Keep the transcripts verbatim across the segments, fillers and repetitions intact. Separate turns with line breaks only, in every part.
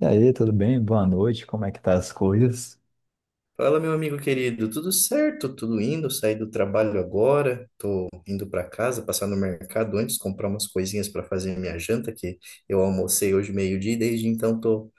E aí, tudo bem? Boa noite, como é que tá as coisas?
Fala, meu amigo querido, tudo certo? Tudo indo? Saí do trabalho agora, tô indo para casa, passar no mercado antes, comprar umas coisinhas para fazer minha janta, que eu almocei hoje meio-dia e desde então tô,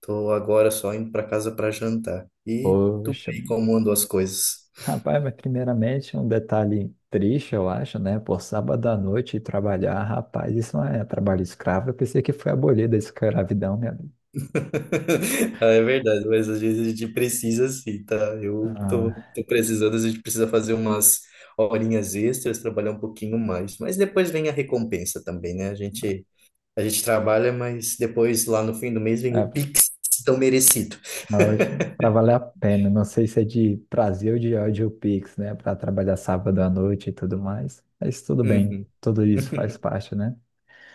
tô agora só indo para casa para jantar. E tu
Poxa,
aí, como andam as coisas?
rapaz, mas primeiramente um detalhe triste, eu acho, né? Por sábado à noite ir trabalhar, rapaz, isso não é trabalho escravo, eu pensei que foi abolida da escravidão, minha amiga.
Ah, É verdade, mas às vezes a gente precisa sim, tá? Eu tô,
Ah,
tô precisando, às vezes a gente precisa fazer umas horinhas extras, trabalhar um pouquinho mais, mas depois vem a recompensa também, né? A gente. A gente trabalha, mas depois lá no fim do mês vem o
é,
Pix tão merecido.
não, hoje, pra valer a pena, não sei se é de prazer ou de ódio Pix, né? Pra trabalhar sábado à noite e tudo mais, mas tudo bem,
Uhum.
tudo isso faz parte, né?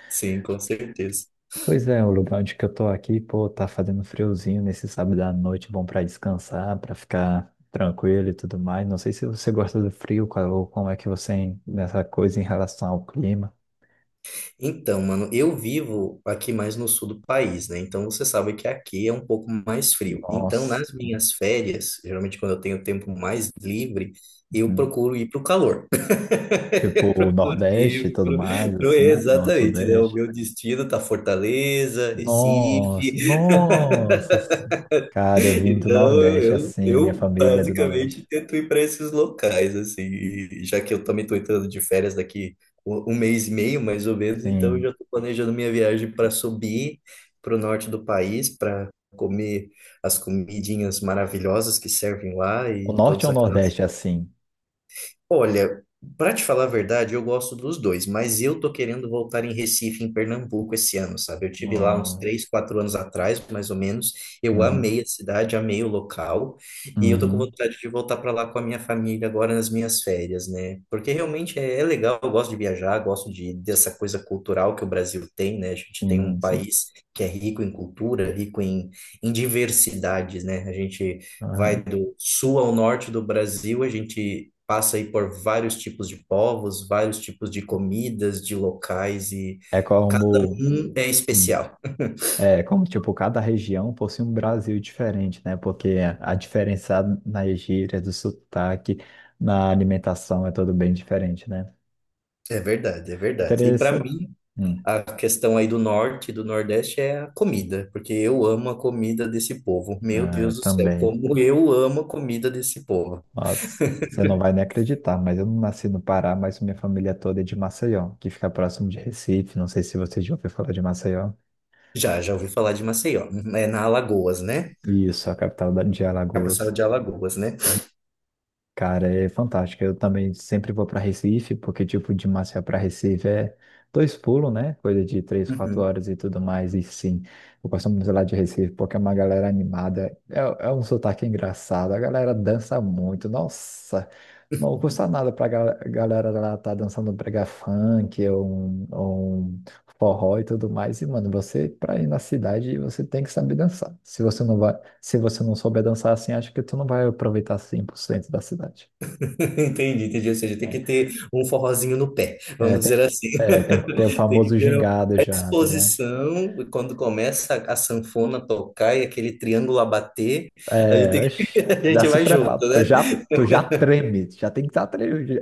Sim, com certeza.
Pois é, o lugar onde que eu tô aqui, pô, tá fazendo friozinho nesse sábado à noite, bom pra descansar, pra ficar tranquilo e tudo mais. Não sei se você gosta do frio, qual- ou como é que você en- nessa coisa em relação ao clima.
Então, mano, eu vivo aqui mais no sul do país, né? Então você sabe que aqui é um pouco mais frio. Então,
Nossa,
nas minhas férias, geralmente quando eu tenho tempo mais livre, eu
uhum.
procuro ir pro calor.
Tipo o Nordeste e
E
tudo
pro-
mais,
pro-
assim, não o
Exatamente, né? O
Sudeste.
meu destino tá Fortaleza,
Nossa,
Recife.
nossa, cara, eu vim do
Então,
Nordeste
eu, eu,
assim, minha
eu
família é do
basicamente
Nordeste.
tento ir para esses locais, assim, e já que eu também estou entrando de férias daqui um um mês e meio, mais ou menos, então eu já
Assim,
estou planejando minha viagem para subir para o norte do país, para comer as comidinhas maravilhosas que servem lá
o
e
Norte
todas
ou o
aquelas.
Nordeste assim?
Olha, para te falar a verdade, eu gosto dos dois, mas eu tô querendo voltar em Recife, em Pernambuco, esse ano, sabe? Eu tive lá uns
No-
três, quatro anos atrás, mais ou menos. Eu
Uhum.
amei a cidade, amei o local, e eu tô com
Uhum.
vontade de voltar para lá com a minha família agora nas minhas férias, né? Porque realmente é, é legal, eu gosto de viajar, gosto de dessa coisa cultural que o Brasil tem, né? A gente tem um
Sim, sim.
país que é rico em cultura, rico em, em diversidades, né? A gente vai do sul ao norte do Brasil, a gente passa aí por vários tipos de povos, vários tipos de comidas, de locais e
É
cada
como,
um é
hum,
especial.
é como, tipo, cada região possui um Brasil diferente, né? Porque a diferença na gíria, do sotaque, na alimentação é tudo bem diferente, né?
É verdade, é verdade. E para
Interessante.
mim,
Hum,
a questão aí do norte e do nordeste é a comida, porque eu amo a comida desse povo. Meu
ah,
Deus do céu,
também.
como eu amo a comida desse povo.
Nossa, você não vai nem acreditar, mas eu não nasci no Pará, mas minha família toda é de Maceió, que fica próximo de Recife. Não sei se você já ouviu falar de Maceió.
Já, já ouvi falar de Maceió. É na Alagoas, né?
Isso, a capital da- de
Capital
Alagoas.
de Alagoas, né?
Cara, é fantástico. Eu também sempre vou para Recife, porque, tipo, de Maceió para Recife é dois pulos, né? Coisa de três, quatro
Uhum.
horas e tudo mais. E sim, eu gosto muito lá de Recife, porque é uma galera animada. É, é um sotaque engraçado. A galera dança muito. Nossa, não custa nada pra gal- galera lá tá dançando brega funk ou um, ou um forró e tudo mais. E, mano, você, pra ir na cidade, você tem que saber dançar. Se você não vai. Se você não souber dançar assim, acho que tu não vai aproveitar cem por cento da cidade.
Entendi, entendi. Ou seja, tem
É,
que ter um forrozinho no pé,
é,
vamos
tem
dizer
que,
assim.
é, tem que ter o
Tem que
famoso
ter uma
gingado já, tá ligado?
exposição, e quando começa a, a sanfona a tocar e aquele triângulo a bater, a gente,
É,
tem que-
oxi,
a
já
gente
se
vai
prepara,
junto,
tu
né?
já, tu já treme, tu já tem que estar tremendo.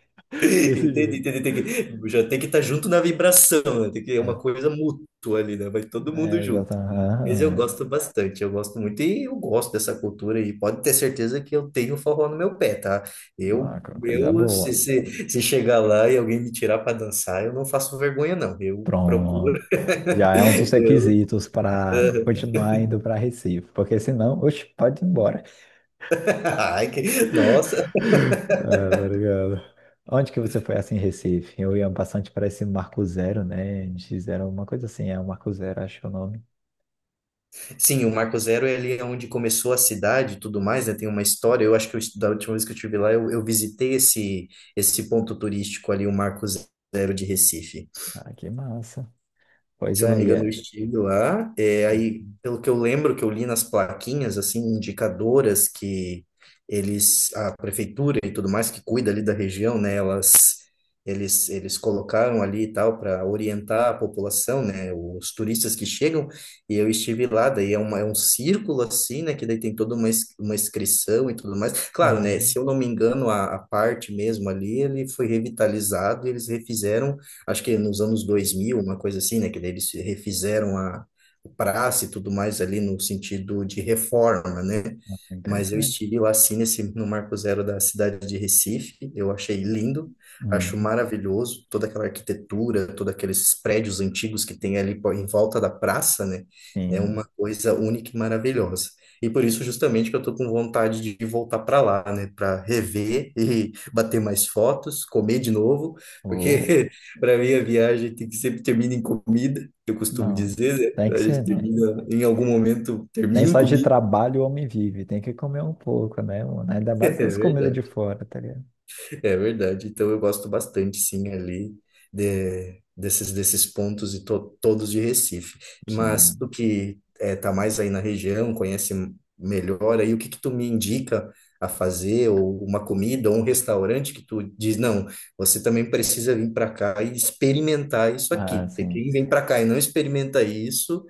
Desse
Entendi,
jeito.
entendi. Tem que, já tem que estar junto na vibração, né? Tem que é uma
É,
coisa mútua ali, né? Vai todo mundo
é,
junto.
exatamente.
Mas
Aham,
eu
é.
gosto bastante, eu gosto muito e eu gosto dessa cultura e pode ter certeza que eu tenho forró no meu pé, tá? Eu,
Uma co- coisa
eu se,
boa.
se, se chegar lá e alguém me tirar para dançar, eu não faço vergonha não, eu procuro.
Pronto. Já é um dos requisitos para
Eu,
continuar indo para Recife, porque senão, oxe, pode ir embora.
Ai, que- nossa,
Ah, obrigado. Onde que você foi assim em Recife? Eu ia bastante para esse Marco Zero, né? N X Zero, uma coisa assim, é o Marco Zero, acho que é o nome.
sim, o Marco Zero é ali onde começou a cidade e tudo mais, né? Tem uma história. Eu acho que eu, estu- da última vez que eu estive lá, eu, eu visitei esse, esse ponto turístico ali, o Marco Zero de Recife.
Ah, que massa. Pois
Se eu não
é,
me
e
engano, o
é.
estilo lá. É, aí,
Uhum.
pelo que eu lembro, que eu li nas plaquinhas, assim, indicadoras que eles, a prefeitura e tudo mais que cuida ali da região, né, elas, eles, eles colocaram ali e tal para orientar a população, né, os turistas que chegam. E eu estive lá, daí é, uma, é um círculo assim, né, que daí tem toda uma, ins- uma inscrição e tudo mais. Claro, né,
Uhum.
se eu não me engano, a, a parte mesmo ali, ele foi revitalizado, e eles refizeram acho que nos anos dois mil uma coisa assim, né? Que daí eles refizeram a praça e tudo mais ali no sentido de reforma, né?
Ah,
Mas eu
interessante.
estive lá sim nesse, no Marco Zero da cidade de Recife, eu achei lindo, acho
Uhum.
maravilhoso toda aquela arquitetura, todos aqueles prédios antigos que tem ali po- em volta da praça, né? É
Sim.
uma coisa única e maravilhosa. E por isso, justamente, que eu estou com vontade de voltar para lá, né? Para rever e bater mais fotos, comer de novo,
Ou,
porque para mim, a viagem tem que sempre termina em comida, que eu costumo
não.
dizer,
Tem
né?
que
A gente
ser, né?
termina, em algum momento,
Nem
termina em
só de
comida.
trabalho o homem vive, tem que comer um pouco, né? Mano? Ainda
É
mais as comidas de
verdade.
fora, tá ligado?
É verdade. Então eu gosto bastante, sim, ali de- desses, desses pontos e to- todos de Recife. Mas
Sim.
tu que eh, tá mais aí na região, conhece melhor aí, o que que tu me indica a fazer, ou uma comida, ou um restaurante que tu diz, não, você também precisa vir para cá e experimentar isso aqui,
Ah,
porque
sim.
quem vem para cá e não experimenta isso,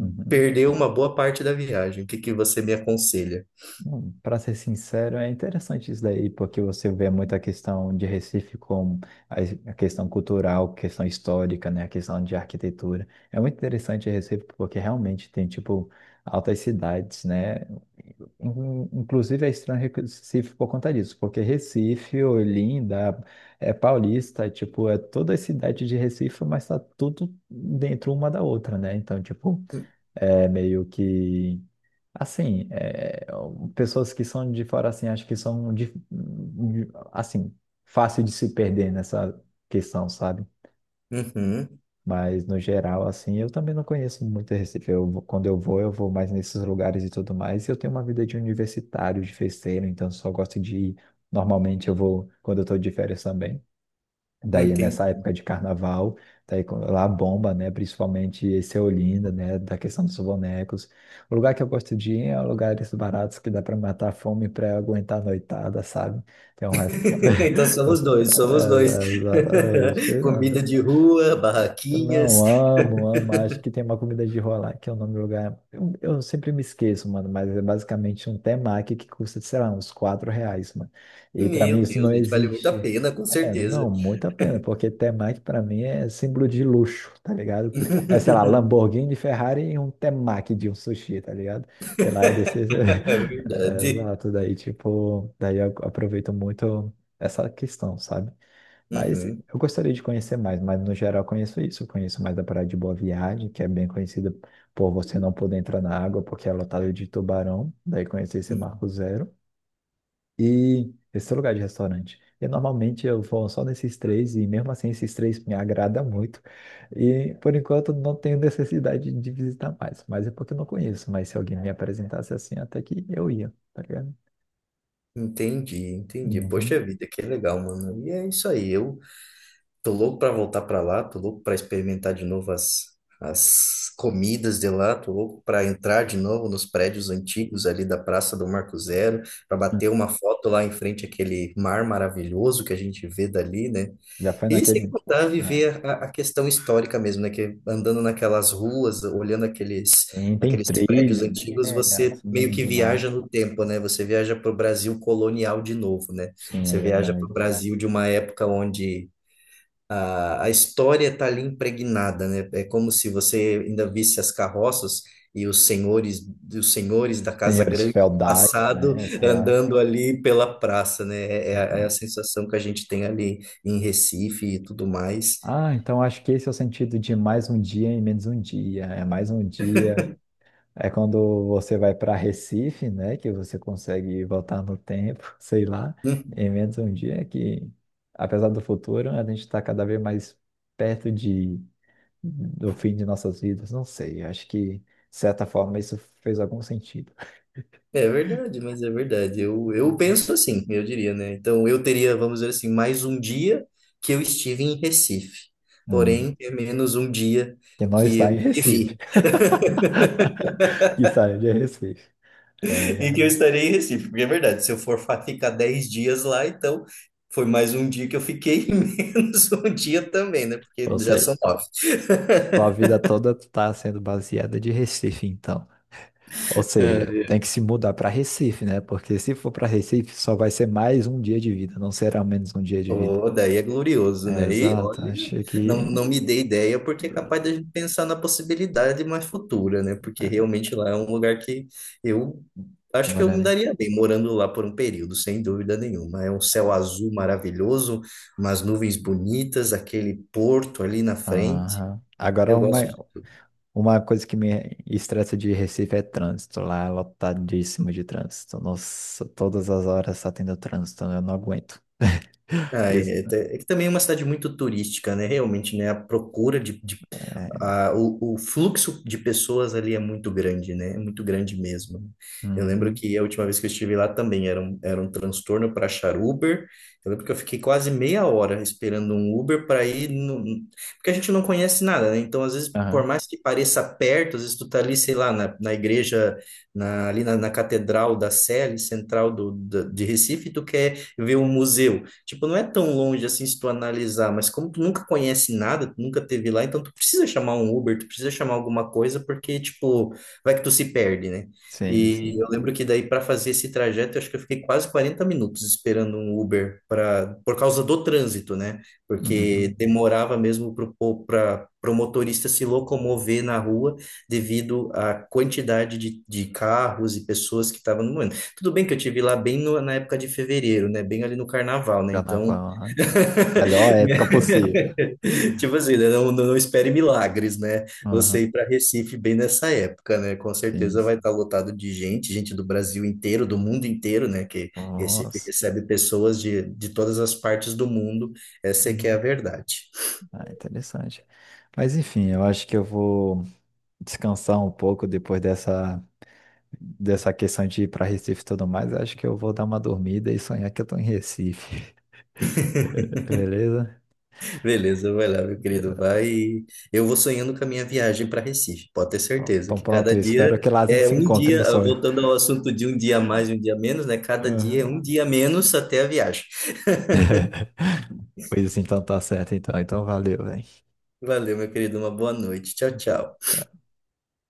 Uhum.
perdeu uma boa parte da viagem. O que que você me aconselha?
Bom, para ser sincero, é interessante isso daí, porque você vê muita questão de Recife como a es- a questão cultural, questão histórica, né, a questão de arquitetura. É muito interessante Recife porque realmente tem tipo altas cidades, né? In- Inclusive é estranho Recife por conta disso, porque Recife, Olinda, é Paulista, tipo, é toda a cidade de Recife, mas tá tudo dentro uma da outra, né? Então, tipo, é meio que assim, é, pessoas que são de fora, assim, acho que são, dif- de- assim, fácil de se perder nessa questão, sabe?
Uhum,
Mas, no geral, assim, eu também não conheço muito Recife. Eu, vou- quando eu vou, eu vou mais nesses lugares e tudo mais. E eu tenho uma vida de universitário, de festeiro, então só gosto de ir. Normalmente eu vou quando eu tô de férias também. Daí
entendi.
nessa época de carnaval, daí com- lá bomba, né? Principalmente esse é Olinda, né? Da questão dos bonecos. O lugar que eu gosto de ir é lugares baratos que dá para matar a fome para aguentar a noitada, sabe? Tem um resto.
Então somos dois, somos dois.
Exatamente.
Comida de rua,
Eu Não,
barraquinhas.
amo, amo. Acho que tem uma comida de rua lá, que é o nome do lugar. Eu, eu sempre me esqueço, mano, mas é basicamente um temaki que custa, sei lá, uns quatro reais, mano. E pra mim
Meu
isso não
Deus, gente, vale muito a
existe.
pena, com
É,
certeza.
não, muito a pena, porque temaki pra mim é símbolo de luxo, tá ligado? É, sei lá, Lamborghini, Ferrari e um temaki de um sushi, tá ligado? E lá é desse...
É
É,
verdade.
exato, daí tipo, daí eu aproveito muito essa questão, sabe? Mas eu
Uhum.
gostaria de conhecer mais, mas no geral eu conheço isso. Eu conheço mais da Praia de Boa Viagem, que é bem conhecida por você não poder entrar na água porque é lotada de tubarão. Daí conheci esse Marco Zero. E esse lugar de restaurante. E normalmente eu vou só nesses três, e mesmo assim esses três me agrada muito. E por enquanto não tenho necessidade de visitar mais. Mas é porque eu não conheço. Mas se alguém me apresentasse assim, até que eu ia, tá ligado?
Entendi, entendi.
Uhum.
Poxa vida, que legal, mano. E é isso aí. Eu tô louco pra voltar pra lá, tô louco pra experimentar de novo as, as comidas de lá, tô louco pra entrar de novo nos prédios antigos ali da Praça do Marco Zero, pra bater uma foto lá em frente àquele mar maravilhoso que a gente vê dali, né?
Já foi
E sem
naquele.
contar
É.
viver a, a questão histórica mesmo, né? Que andando naquelas ruas, olhando aqueles
Tem, tem
aqueles prédios
trilho, né?
antigos,
É,
você meio
assim,
que
do nada.
viaja no tempo, né? Você viaja para o Brasil colonial de novo, né?
Sim, é
Você viaja para o
verdade.
Brasil de uma época onde a, a história está ali impregnada, né? É como se você ainda visse as carroças e os senhores, os senhores da Casa
Senhores
Grande do
feudais,
passado
né? Sei lá.
andando ali pela praça, né? É, é a é a
Exato.
sensação que a gente tem ali em Recife e tudo mais.
Ah, então acho que esse é o sentido de mais um dia e menos um dia. É mais um dia. É quando você vai para Recife, né? Que você consegue voltar no tempo, sei lá.
Uhum.
E menos um dia que, apesar do futuro, a gente está cada vez mais perto de, do fim de nossas vidas. Não sei. Acho que, de certa forma, isso fez algum sentido.
É verdade, mas é verdade. Eu, eu
Ah.
penso assim, eu diria, né? Então eu teria, vamos dizer assim, mais um dia que eu estive em Recife,
Hum.
porém é menos um dia
Que não
que
está em
eu
Recife.
vivi.
Que saiu de Recife. É,
E que
cara.
eu estarei em Recife, porque é verdade, se eu for fa- ficar dez dias lá, então foi mais um dia que eu fiquei, e menos um dia também, né?
Ou
Porque já são
seja,
nove.
sua vida toda está sendo baseada de Recife, então. Ou seja,
É,
tem que se mudar para Recife, né? Porque se for para Recife, só vai ser mais um dia de vida, não será menos um dia de vida.
oh, daí é glorioso,
É,
né? E
exato,
olha,
acho
não,
que.
não me dei ideia, porque é capaz da gente pensar na possibilidade mais futura, né? Porque
É,
realmente lá é um lugar que eu acho que eu me
moraria.
daria bem morando lá por um período, sem dúvida nenhuma. É um céu azul maravilhoso, umas nuvens bonitas, aquele porto ali na frente.
Aham. Agora
Eu
uma,
gosto.
Uma coisa que me estressa de Recife é trânsito. Lá é lotadíssimo de trânsito. Nossa, todas as horas tá tendo trânsito, eu não aguento.
Ah,
Isso,
é, é te- é que também é uma cidade muito turística, né? Realmente, né? A procura de, de
é,
a, o, o fluxo de pessoas ali é muito grande, né? É muito grande mesmo. Eu lembro
uhum,
que a última vez que eu estive lá também era um, era um transtorno para achar Uber. Eu lembro que eu fiquei quase meia hora esperando um Uber para ir no... porque a gente não conhece nada, né? Então, às vezes, por
aham,
mais que pareça perto, às vezes tu tá ali, sei lá, na, na igreja, na, ali na, na Catedral da Sé, ali central do, da- de Recife, tu quer ver um museu. Tipo, não é tão longe assim se tu analisar, mas como tu nunca conhece nada, tu nunca teve lá, então tu precisa chamar um Uber, tu precisa chamar alguma coisa, porque, tipo, vai que tu se perde, né?
sim,
E
sim.
eu lembro que daí para fazer esse trajeto, eu acho que eu fiquei quase quarenta minutos esperando um Uber para por causa do trânsito, né?
Uhum.
Porque demorava mesmo para o motorista se locomover na rua devido à quantidade de, de carros e pessoas que estavam no momento. Tudo bem que eu tive lá bem no- na época de fevereiro, né? Bem ali no carnaval, né?
Carnaval,
Então,
aham. Melhor época possível.
tipo assim, né? Não, não espere milagres, né?
Aham,
Você ir para Recife bem nessa época, né? Com
sim,
certeza vai
sim.
estar lotado de gente, gente do Brasil inteiro, do mundo inteiro, né? Que Recife
Nossa.
recebe pessoas de, de todas as partes do mundo. Essa é que é a
Uhum.
verdade.
Ah, interessante. Mas enfim, eu acho que eu vou descansar um pouco depois dessa. dessa questão de ir para Recife e tudo mais, acho que eu vou dar uma dormida e sonhar que eu tô em Recife. Beleza?
Beleza, vai lá, meu querido. Vai. E eu vou sonhando com a minha viagem para Recife. Pode ter
Pronto.
certeza
Então
que
pronto,
cada
espero
dia
que lá a gente
é
se
um
encontre no
dia, ah,
sonho.
voltando ao assunto de um dia a mais, e um dia a menos, né? Cada dia é
Aham.
um dia a menos até a viagem.
Pois então tá certo, então. Então valeu, velho.
Valeu, meu querido. Uma boa noite. Tchau, tchau.